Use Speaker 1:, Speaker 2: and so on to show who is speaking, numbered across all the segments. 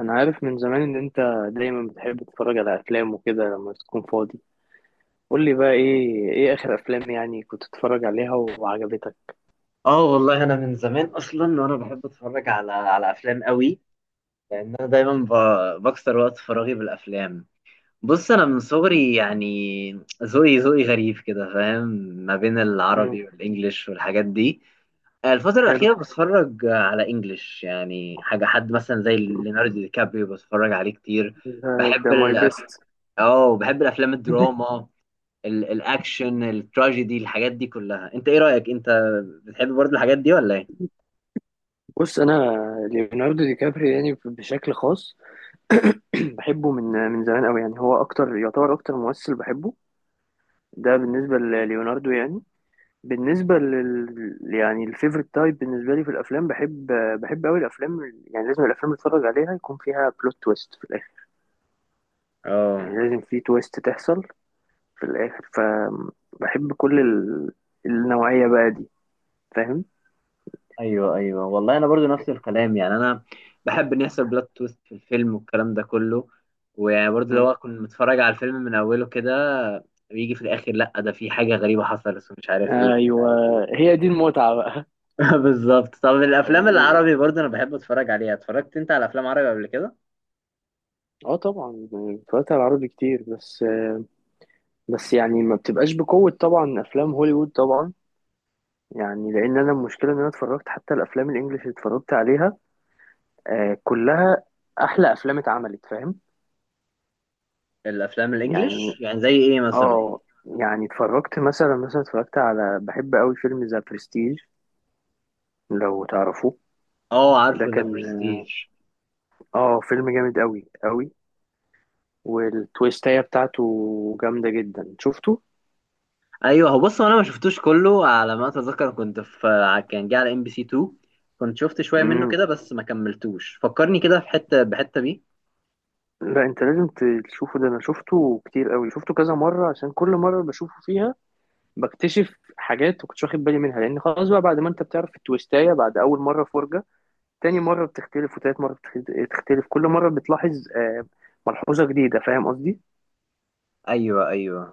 Speaker 1: انا عارف من زمان ان انت دايما بتحب تتفرج على افلام وكده لما تكون فاضي. قول لي بقى ايه اخر افلام يعني كنت تتفرج عليها وعجبتك.
Speaker 2: اه، والله انا من زمان اصلا وانا بحب اتفرج على افلام قوي. لان انا دايما بكسر وقت فراغي بالافلام. بص، انا من صغري يعني ذوقي غريب كده، فاهم؟ ما بين
Speaker 1: امم.
Speaker 2: العربي والانجليش والحاجات دي. الفترة
Speaker 1: حلو.
Speaker 2: الأخيرة بتفرج على انجليش، يعني حاجة حد مثلا زي ليوناردو دي كابريو بتفرج عليه كتير.
Speaker 1: ده,
Speaker 2: بحب
Speaker 1: ده ماي بيست.
Speaker 2: اه، بحب الافلام الدراما، الاكشن، التراجيدي، الحاجات دي كلها. انت ايه رأيك؟ انت بتحب برضه الحاجات دي ولا ايه؟
Speaker 1: بص انا ليوناردو دي كابري يعني بشكل خاص. بحبه من زمان قوي يعني هو يعتبر اكتر ممثل بحبه. ده بالنسبه لليوناردو يعني. بالنسبه لل يعني الفيفورت تايب بالنسبه لي في الافلام. بحب قوي الافلام، يعني لازم الافلام اللي اتفرج عليها يكون فيها بلوت تويست في الاخر. يعني
Speaker 2: اه،
Speaker 1: لازم في تويست تحصل في الآخر، فبحب كل النوعية بقى دي. فاهم؟
Speaker 2: ايوه ايوه، والله انا برضو نفس الكلام. يعني انا بحب ان يحصل بلوت تويست في الفيلم والكلام ده كله، ويعني برضو لو
Speaker 1: مم.
Speaker 2: اكون متفرج على الفيلم من اوله كده، بيجي في الاخر: لا، ده في حاجه غريبه حصلت ومش عارف ايه.
Speaker 1: ايوه. هي دي المتعه بقى.
Speaker 2: بالظبط. طب الافلام
Speaker 1: أو...
Speaker 2: العربي برضو انا بحب اتفرج عليها. اتفرجت انت على افلام عربي قبل كده؟
Speaker 1: اه طبعا اتفرجت على العربي كتير، بس بس يعني ما بتبقاش بقوه طبعا افلام هوليوود طبعا، يعني لان انا المشكله ان انا اتفرجت حتى الافلام الانجليش اللي اتفرجت عليها كلها احلى افلام اتعملت، فاهم؟
Speaker 2: الافلام
Speaker 1: يعني
Speaker 2: الانجليش يعني زي ايه مثلا؟
Speaker 1: اه يعني اتفرجت مثلا اتفرجت على بحب قوي فيلم ذا برستيج، لو تعرفوه.
Speaker 2: اه،
Speaker 1: ده
Speaker 2: عارفه ذا
Speaker 1: كان
Speaker 2: برستيج.
Speaker 1: اه فيلم جامد قوي قوي، والتويستاية بتاعته جامدة جدا. شفته؟
Speaker 2: ايوه، هو بص، هو انا ما شفتوش كله، على ما اتذكر. كنت في كان جه على ام بي سي 2. كنت شفت شويه منه
Speaker 1: مم.
Speaker 2: كده بس ما كملتوش. فكرني كده في حته بحته بيه.
Speaker 1: لا انت لازم تشوفه. ده انا شفته كتير قوي، شفته كذا مرة عشان كل مرة بشوفه فيها بكتشف حاجات ما كنتش واخد بالي منها، لان خلاص بقى بعد ما انت بتعرف التويستاية بعد اول مرة فرجة، تاني مرة بتختلف وتالت مرة بتختلف، كل مرة بتلاحظ ملحوظة جديدة. فاهم قصدي؟
Speaker 2: ايوه ايوه،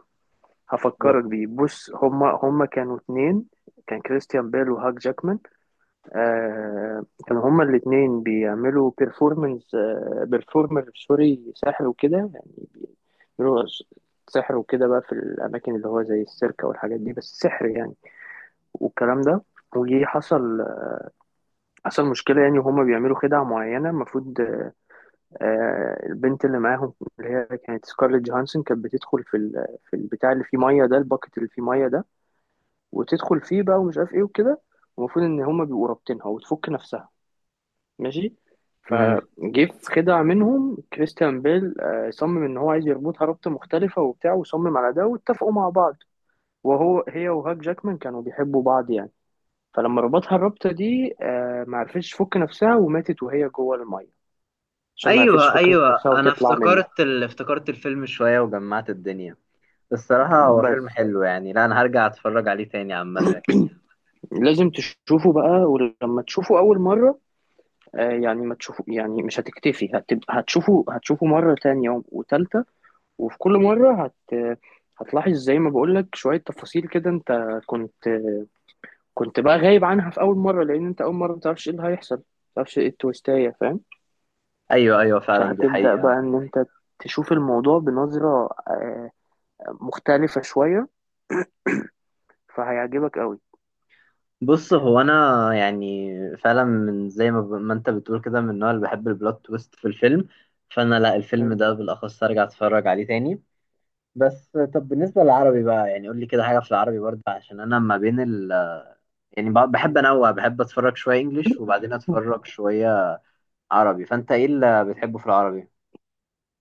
Speaker 2: و-
Speaker 1: هفكرك بيه. بص هما كانوا اتنين، كان كريستيان بيل وهاك جاكمان. كانوا هما الاتنين بيعملوا بيرفورمنس آه بيرفورمر سوري، ساحر وكده يعني، بيعملوا سحر وكده بقى في الأماكن اللي هو زي السيرك أو الحاجات دي، بس سحر يعني والكلام ده. وجي حصل مشكلة يعني، وهما بيعملوا خدعة معينة. المفروض البنت اللي معاهم اللي هي كانت سكارليت جوهانسون كانت بتدخل في البتاع اللي فيه مية ده، الباكت اللي فيه مية ده، وتدخل فيه بقى ومش عارف ايه وكده. المفروض ان هما بيبقوا رابطينها وتفك نفسها، ماشي.
Speaker 2: مم.
Speaker 1: فجه في خدعة منهم كريستيان بيل صمم ان هو عايز يربطها ربطة مختلفة وبتاع، وصمم على ده واتفقوا مع بعض. وهو هي وهاك جاكمان كانوا بيحبوا بعض يعني، فلما ربطها الربطة دي ما عرفتش تفك نفسها وماتت وهي جوه المية، عشان ما عرفتش
Speaker 2: ايوه
Speaker 1: تفك
Speaker 2: ايوه،
Speaker 1: نفسها
Speaker 2: انا
Speaker 1: وتطلع منه.
Speaker 2: افتكرت افتكرت الفيلم شويه وجمعت الدنيا. الصراحه هو
Speaker 1: بس
Speaker 2: فيلم حلو يعني، لا انا هرجع اتفرج عليه تاني عامه.
Speaker 1: لازم تشوفه بقى، ولما تشوفه أول مرة يعني ما تشوفه يعني مش هتكتفي، هتبقى هتشوفه مرة تانية وتالتة. وفي كل مرة هتلاحظ زي ما بقولك شوية تفاصيل كده انت كنت كنت بقى غايب عنها في أول مرة، لأن انت أول مرة متعرفش ايه اللي هيحصل، متعرفش ايه التويستاية، فاهم؟
Speaker 2: ايوه ايوه فعلا، دي
Speaker 1: فهتبدأ بقى
Speaker 2: حقيقه.
Speaker 1: ان انت تشوف الموضوع بنظرة مختلفة شوية، فهيعجبك قوي.
Speaker 2: بص هو انا يعني فعلا من زي ما، ما انت بتقول كده، من النوع اللي بحب البلوت تويست في الفيلم. فانا، لا الفيلم
Speaker 1: حلو.
Speaker 2: ده بالاخص ارجع اتفرج عليه تاني. بس طب بالنسبه للعربي بقى، يعني قول لي كده حاجه في العربي برضه، عشان انا ما بين ال، يعني بحب
Speaker 1: مم.
Speaker 2: انوع، بحب اتفرج شويه انجليش وبعدين اتفرج شويه عربي. فانت ايه اللي بتحبه في العربي؟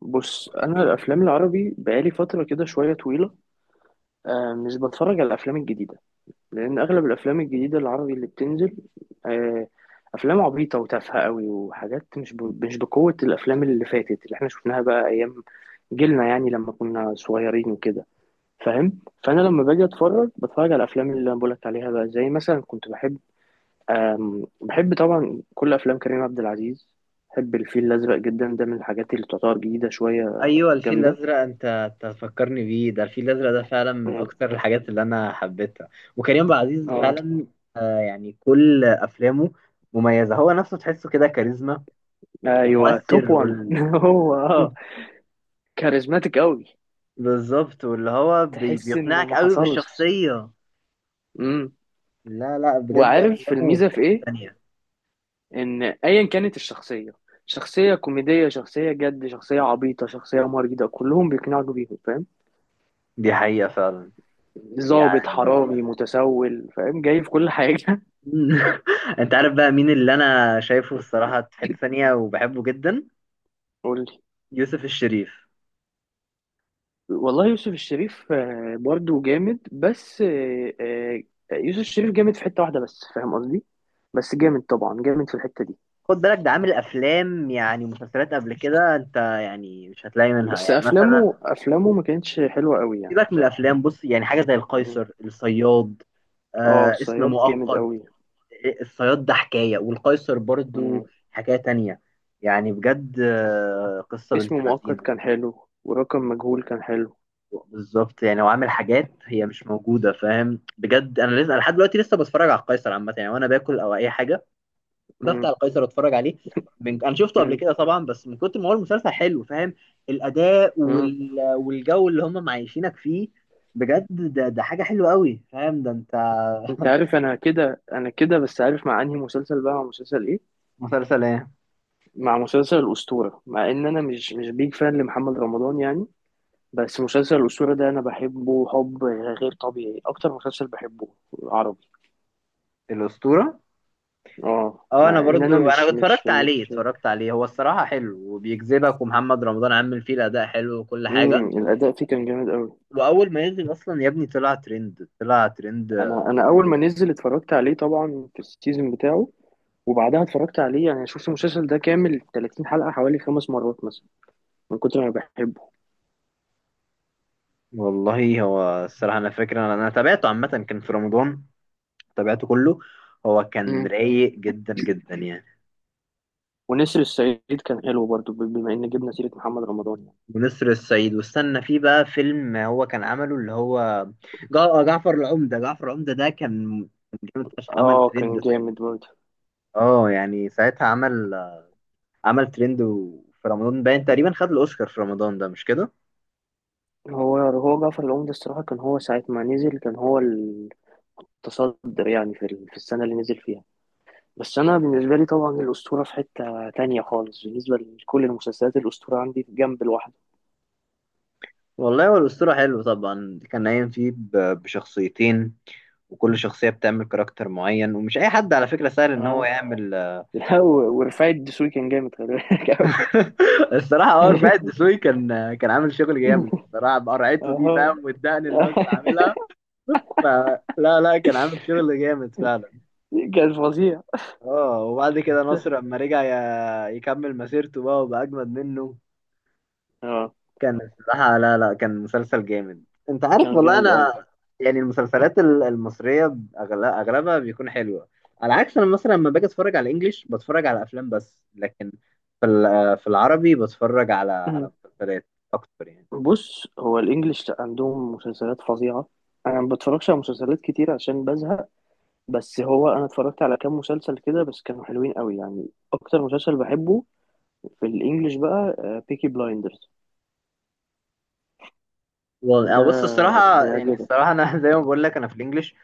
Speaker 1: بص أنا الأفلام العربي بقالي فترة كده شوية طويلة مش بتفرج على الأفلام الجديدة، لأن أغلب الأفلام الجديدة العربي اللي بتنزل آه، أفلام عبيطة وتافهة قوي وحاجات مش بقوة الأفلام اللي فاتت اللي احنا شفناها بقى أيام جيلنا، يعني لما كنا صغيرين وكده، فاهم؟ فأنا لما باجي أتفرج بتفرج على الأفلام اللي أنا بقولك عليها بقى، زي مثلا كنت بحب بحب طبعا كل أفلام كريم عبد العزيز. بحب الفيل الأزرق جدا، ده من الحاجات اللي تعتبر جديدة شوية.
Speaker 2: ايوه، الفيل
Speaker 1: جامدة.
Speaker 2: الازرق! انت تفكرني بيه، ده الفيل الازرق ده فعلا من
Speaker 1: مم.
Speaker 2: اكتر الحاجات اللي انا حبيتها. وكريم عبد العزيز
Speaker 1: اه.
Speaker 2: فعلا، آه يعني كل افلامه مميزه. هو نفسه تحسه كده كاريزما،
Speaker 1: أيوه توب
Speaker 2: ومؤثر
Speaker 1: وان. هو اه كاريزماتيك قوي،
Speaker 2: بالظبط، واللي هو
Speaker 1: تحس إنه
Speaker 2: بيقنعك
Speaker 1: ما
Speaker 2: قوي
Speaker 1: حصلش.
Speaker 2: بالشخصيه.
Speaker 1: امم.
Speaker 2: لا لا، بجد
Speaker 1: وعارف
Speaker 2: افلامه
Speaker 1: الميزه
Speaker 2: في
Speaker 1: في
Speaker 2: حته
Speaker 1: ايه؟
Speaker 2: تانية.
Speaker 1: ان ايا كانت الشخصيه، شخصيه كوميديه، شخصيه جد، شخصيه عبيطه، شخصيه مريضه، كلهم بيقنعوا بيهم، فاهم؟
Speaker 2: دي حقيقه فعلا.
Speaker 1: ظابط،
Speaker 2: يعني
Speaker 1: حرامي، متسول، فاهم، جاي في كل حاجه.
Speaker 2: انت عارف بقى مين اللي انا شايفه الصراحه في حته تانية وبحبه جدا؟
Speaker 1: قول لي.
Speaker 2: يوسف الشريف.
Speaker 1: والله يوسف الشريف برضو جامد بس يوسف الشريف جامد في حته واحده بس، فاهم قصدي؟ بس جامد طبعا جامد في الحته دي،
Speaker 2: خد بالك، ده عامل افلام يعني مسلسلات قبل كده، انت يعني مش هتلاقي منها
Speaker 1: بس
Speaker 2: يعني مثلا.
Speaker 1: افلامه ما كانتش حلوه قوي يعني
Speaker 2: سيبك من
Speaker 1: بصراحه.
Speaker 2: الافلام. بص يعني حاجه زي
Speaker 1: مم.
Speaker 2: القيصر، الصياد،
Speaker 1: اه
Speaker 2: آه اسم
Speaker 1: الصياد جامد
Speaker 2: مؤقت.
Speaker 1: قوي.
Speaker 2: الصياد ده حكايه، والقيصر برضو حكايه تانية. يعني بجد، آه قصه
Speaker 1: اسم
Speaker 2: بنت
Speaker 1: مؤقت
Speaker 2: لذينه.
Speaker 1: كان حلو، ورقم مجهول كان حلو.
Speaker 2: بالظبط، يعني هو عامل حاجات هي مش موجوده، فاهم؟ بجد انا لسه لحد دلوقتي لسه بتفرج على القيصر عامه، يعني وانا باكل او اي حاجه
Speaker 1: مم.
Speaker 2: بفتح القيصر اتفرج عليه. انا شفته قبل
Speaker 1: مم.
Speaker 2: كده طبعا، بس من كتر ما هو المسلسل حلو، فاهم؟ الاداء
Speaker 1: مم.
Speaker 2: والجو اللي هم معيشينك فيه. بجد ده حاجه حلوه قوي، فاهم؟ ده انت.
Speaker 1: انت عارف انا كده، انا كده بس، عارف مع انهي مسلسل بقى؟ مع مسلسل ايه؟
Speaker 2: مسلسل ايه؟
Speaker 1: مع مسلسل الاسطوره. مع ان انا مش بيج فان لمحمد رمضان يعني، بس مسلسل الاسطوره ده انا بحبه حب غير طبيعي، اكتر مسلسل بحبه عربي.
Speaker 2: الاسطوره.
Speaker 1: اه
Speaker 2: اه، انا
Speaker 1: مع ان انا
Speaker 2: برضو انا
Speaker 1: مش مش
Speaker 2: اتفرجت عليه،
Speaker 1: مش
Speaker 2: اتفرجت عليه. هو الصراحه حلو وبيجذبك، ومحمد رمضان عامل فيه الاداء حلو وكل حاجه.
Speaker 1: مم. الاداء فيه كان جامد قوي.
Speaker 2: واول ما ينزل اصلا يا ابني طلع ترند، طلع ترند.
Speaker 1: انا اول ما نزل اتفرجت عليه طبعا في السيزون بتاعه، وبعدها اتفرجت عليه يعني شفت المسلسل ده كامل 30 حلقة حوالي 5 مرات مثلا، من كتر ما بحبه.
Speaker 2: والله هو الصراحه انا فاكر، انا تابعته عامه، كان في رمضان تابعته كله. هو كان
Speaker 1: امم.
Speaker 2: رايق جدا جدا يعني.
Speaker 1: ونسر الصعيد كان حلو برضو، بما ان جبنا سيرة محمد رمضان يعني.
Speaker 2: ونسر الصعيد. واستنى فيه بقى فيلم هو كان عمله اللي هو جعفر العمدة. جعفر العمدة ده كان جامد فشخ، عمل
Speaker 1: اه
Speaker 2: ترند
Speaker 1: كان
Speaker 2: ساعتها.
Speaker 1: جامد برضو.
Speaker 2: اه، يعني ساعتها عمل ترند، في رمضان باين تقريبا خد الأوسكار في رمضان، ده مش كده؟
Speaker 1: هو جعفر العمدة الصراحة كان هو ساعة ما نزل كان هو التصدر يعني في ال- في السنة اللي نزل فيها. بس أنا بالنسبة لي طبعا الأسطورة في حتة تانية خالص، بالنسبة لكل المسلسلات الأسطورة عندي في جنب لوحده.
Speaker 2: والله هو الأسطورة حلو طبعا، كان قايم فيه بشخصيتين، وكل شخصية بتعمل كاركتر معين، ومش أي حد على فكرة سهل إن هو
Speaker 1: اه.
Speaker 2: يعمل.
Speaker 1: لا و- ورفاعي الدسوقي كان جامد، خلي بالك أوي.
Speaker 2: الصراحه اه، رفاعي الدسوقي كان عامل شغل جامد الصراحه بقرعته دي،
Speaker 1: اه
Speaker 2: فاهم؟ والدقن اللي هو كان عاملها. فلا لا لا، كان عامل شغل جامد فعلا.
Speaker 1: كان فظيع.
Speaker 2: اه، وبعد كده نصر لما رجع يكمل مسيرته بقى، وبقى اجمد منه.
Speaker 1: اه
Speaker 2: كان الصراحه، لا لا، كان مسلسل جامد. انت عارف،
Speaker 1: كان
Speaker 2: والله
Speaker 1: جامد قوي.
Speaker 2: انا يعني المسلسلات المصريه اغلبها بيكون حلوه. على عكس انا مثلا لما باجي اتفرج على الانجليش، بتفرج على افلام بس، لكن في العربي بتفرج على
Speaker 1: مم.
Speaker 2: مسلسلات اكتر يعني.
Speaker 1: بص هو الانجليش لأ، عندهم مسلسلات فظيعة. انا ما بتفرجش على مسلسلات كتير عشان بزهق، بس هو انا اتفرجت على كام مسلسل كده بس كانوا حلوين قوي يعني. اكتر مسلسل بحبه في الانجليش بقى بيكي بلايندرز.
Speaker 2: والله آه،
Speaker 1: ده
Speaker 2: بص الصراحة. يعني
Speaker 1: هيعجبك.
Speaker 2: الصراحة أنا زي ما بقول لك أنا في الإنجليش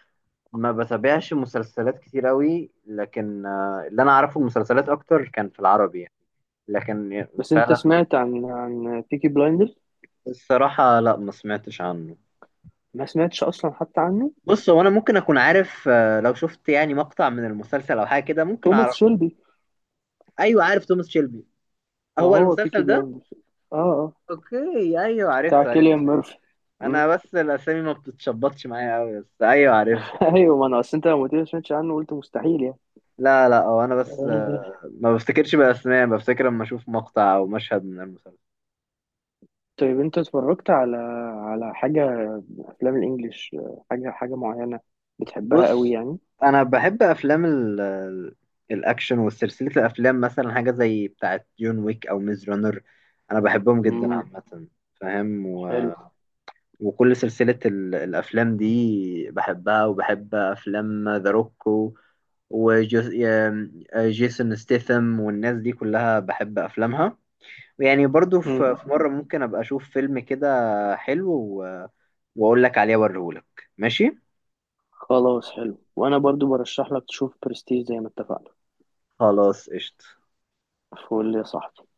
Speaker 2: ما بتابعش مسلسلات كتير أوي، لكن آه، اللي أنا أعرفه المسلسلات أكتر كان في العربي يعني. لكن
Speaker 1: بس انت
Speaker 2: فعلا.
Speaker 1: سمعت عن بيكي بلايندرز؟
Speaker 2: الصراحة لا، ما سمعتش عنه.
Speaker 1: ما سمعتش اصلا حتى عنه؟
Speaker 2: بص هو أنا ممكن أكون عارف، آه، لو شفت يعني مقطع من المسلسل أو حاجة كده ممكن
Speaker 1: توماس
Speaker 2: أعرفه.
Speaker 1: شيلبي.
Speaker 2: أيوه، عارف توماس شيلبي.
Speaker 1: ما
Speaker 2: هو
Speaker 1: هو بيكي
Speaker 2: المسلسل ده؟
Speaker 1: بلايندرز. اه اه.
Speaker 2: أوكي، أيوه
Speaker 1: بتاع
Speaker 2: عرفته
Speaker 1: كيليان
Speaker 2: عرفته.
Speaker 1: ميرفي. مم.
Speaker 2: أنا بس الأسامي ما بتتشبطش معايا أوي، بس أيوه عرفته.
Speaker 1: ايوه ما انا اصل انت لما قلت لي ما سمعتش عنه قلت مستحيل يعني.
Speaker 2: لا لا، هو انا بس
Speaker 1: آه،
Speaker 2: آه، ما بفتكرش باسماء، بفتكر لما اشوف مقطع او مشهد من المسلسل.
Speaker 1: طيب انت اتفرجت على على حاجة افلام الانجليش حاجة حاجة معينة بتحبها قوي
Speaker 2: بص
Speaker 1: يعني؟
Speaker 2: انا بحب افلام الاكشن، وسلسله الافلام مثلا حاجه زي بتاعه جون ويك او ميز رانر. انا بحبهم جدا
Speaker 1: امم.
Speaker 2: عامه، فاهم؟
Speaker 1: حلو.
Speaker 2: وكل سلسله الافلام دي بحبها، وبحب افلام ذا روك وجيسون ستيثم والناس دي كلها بحب افلامها. يعني برضو
Speaker 1: امم.
Speaker 2: في مرة ممكن أبقى أشوف فيلم كده حلو وأقول لك عليه وأوريهولك. ماشي،
Speaker 1: خلاص حلو، وانا برضو برشح لك تشوف برستيج زي ما اتفقنا.
Speaker 2: خلاص قشطة.
Speaker 1: فقول لي يا صاحبي.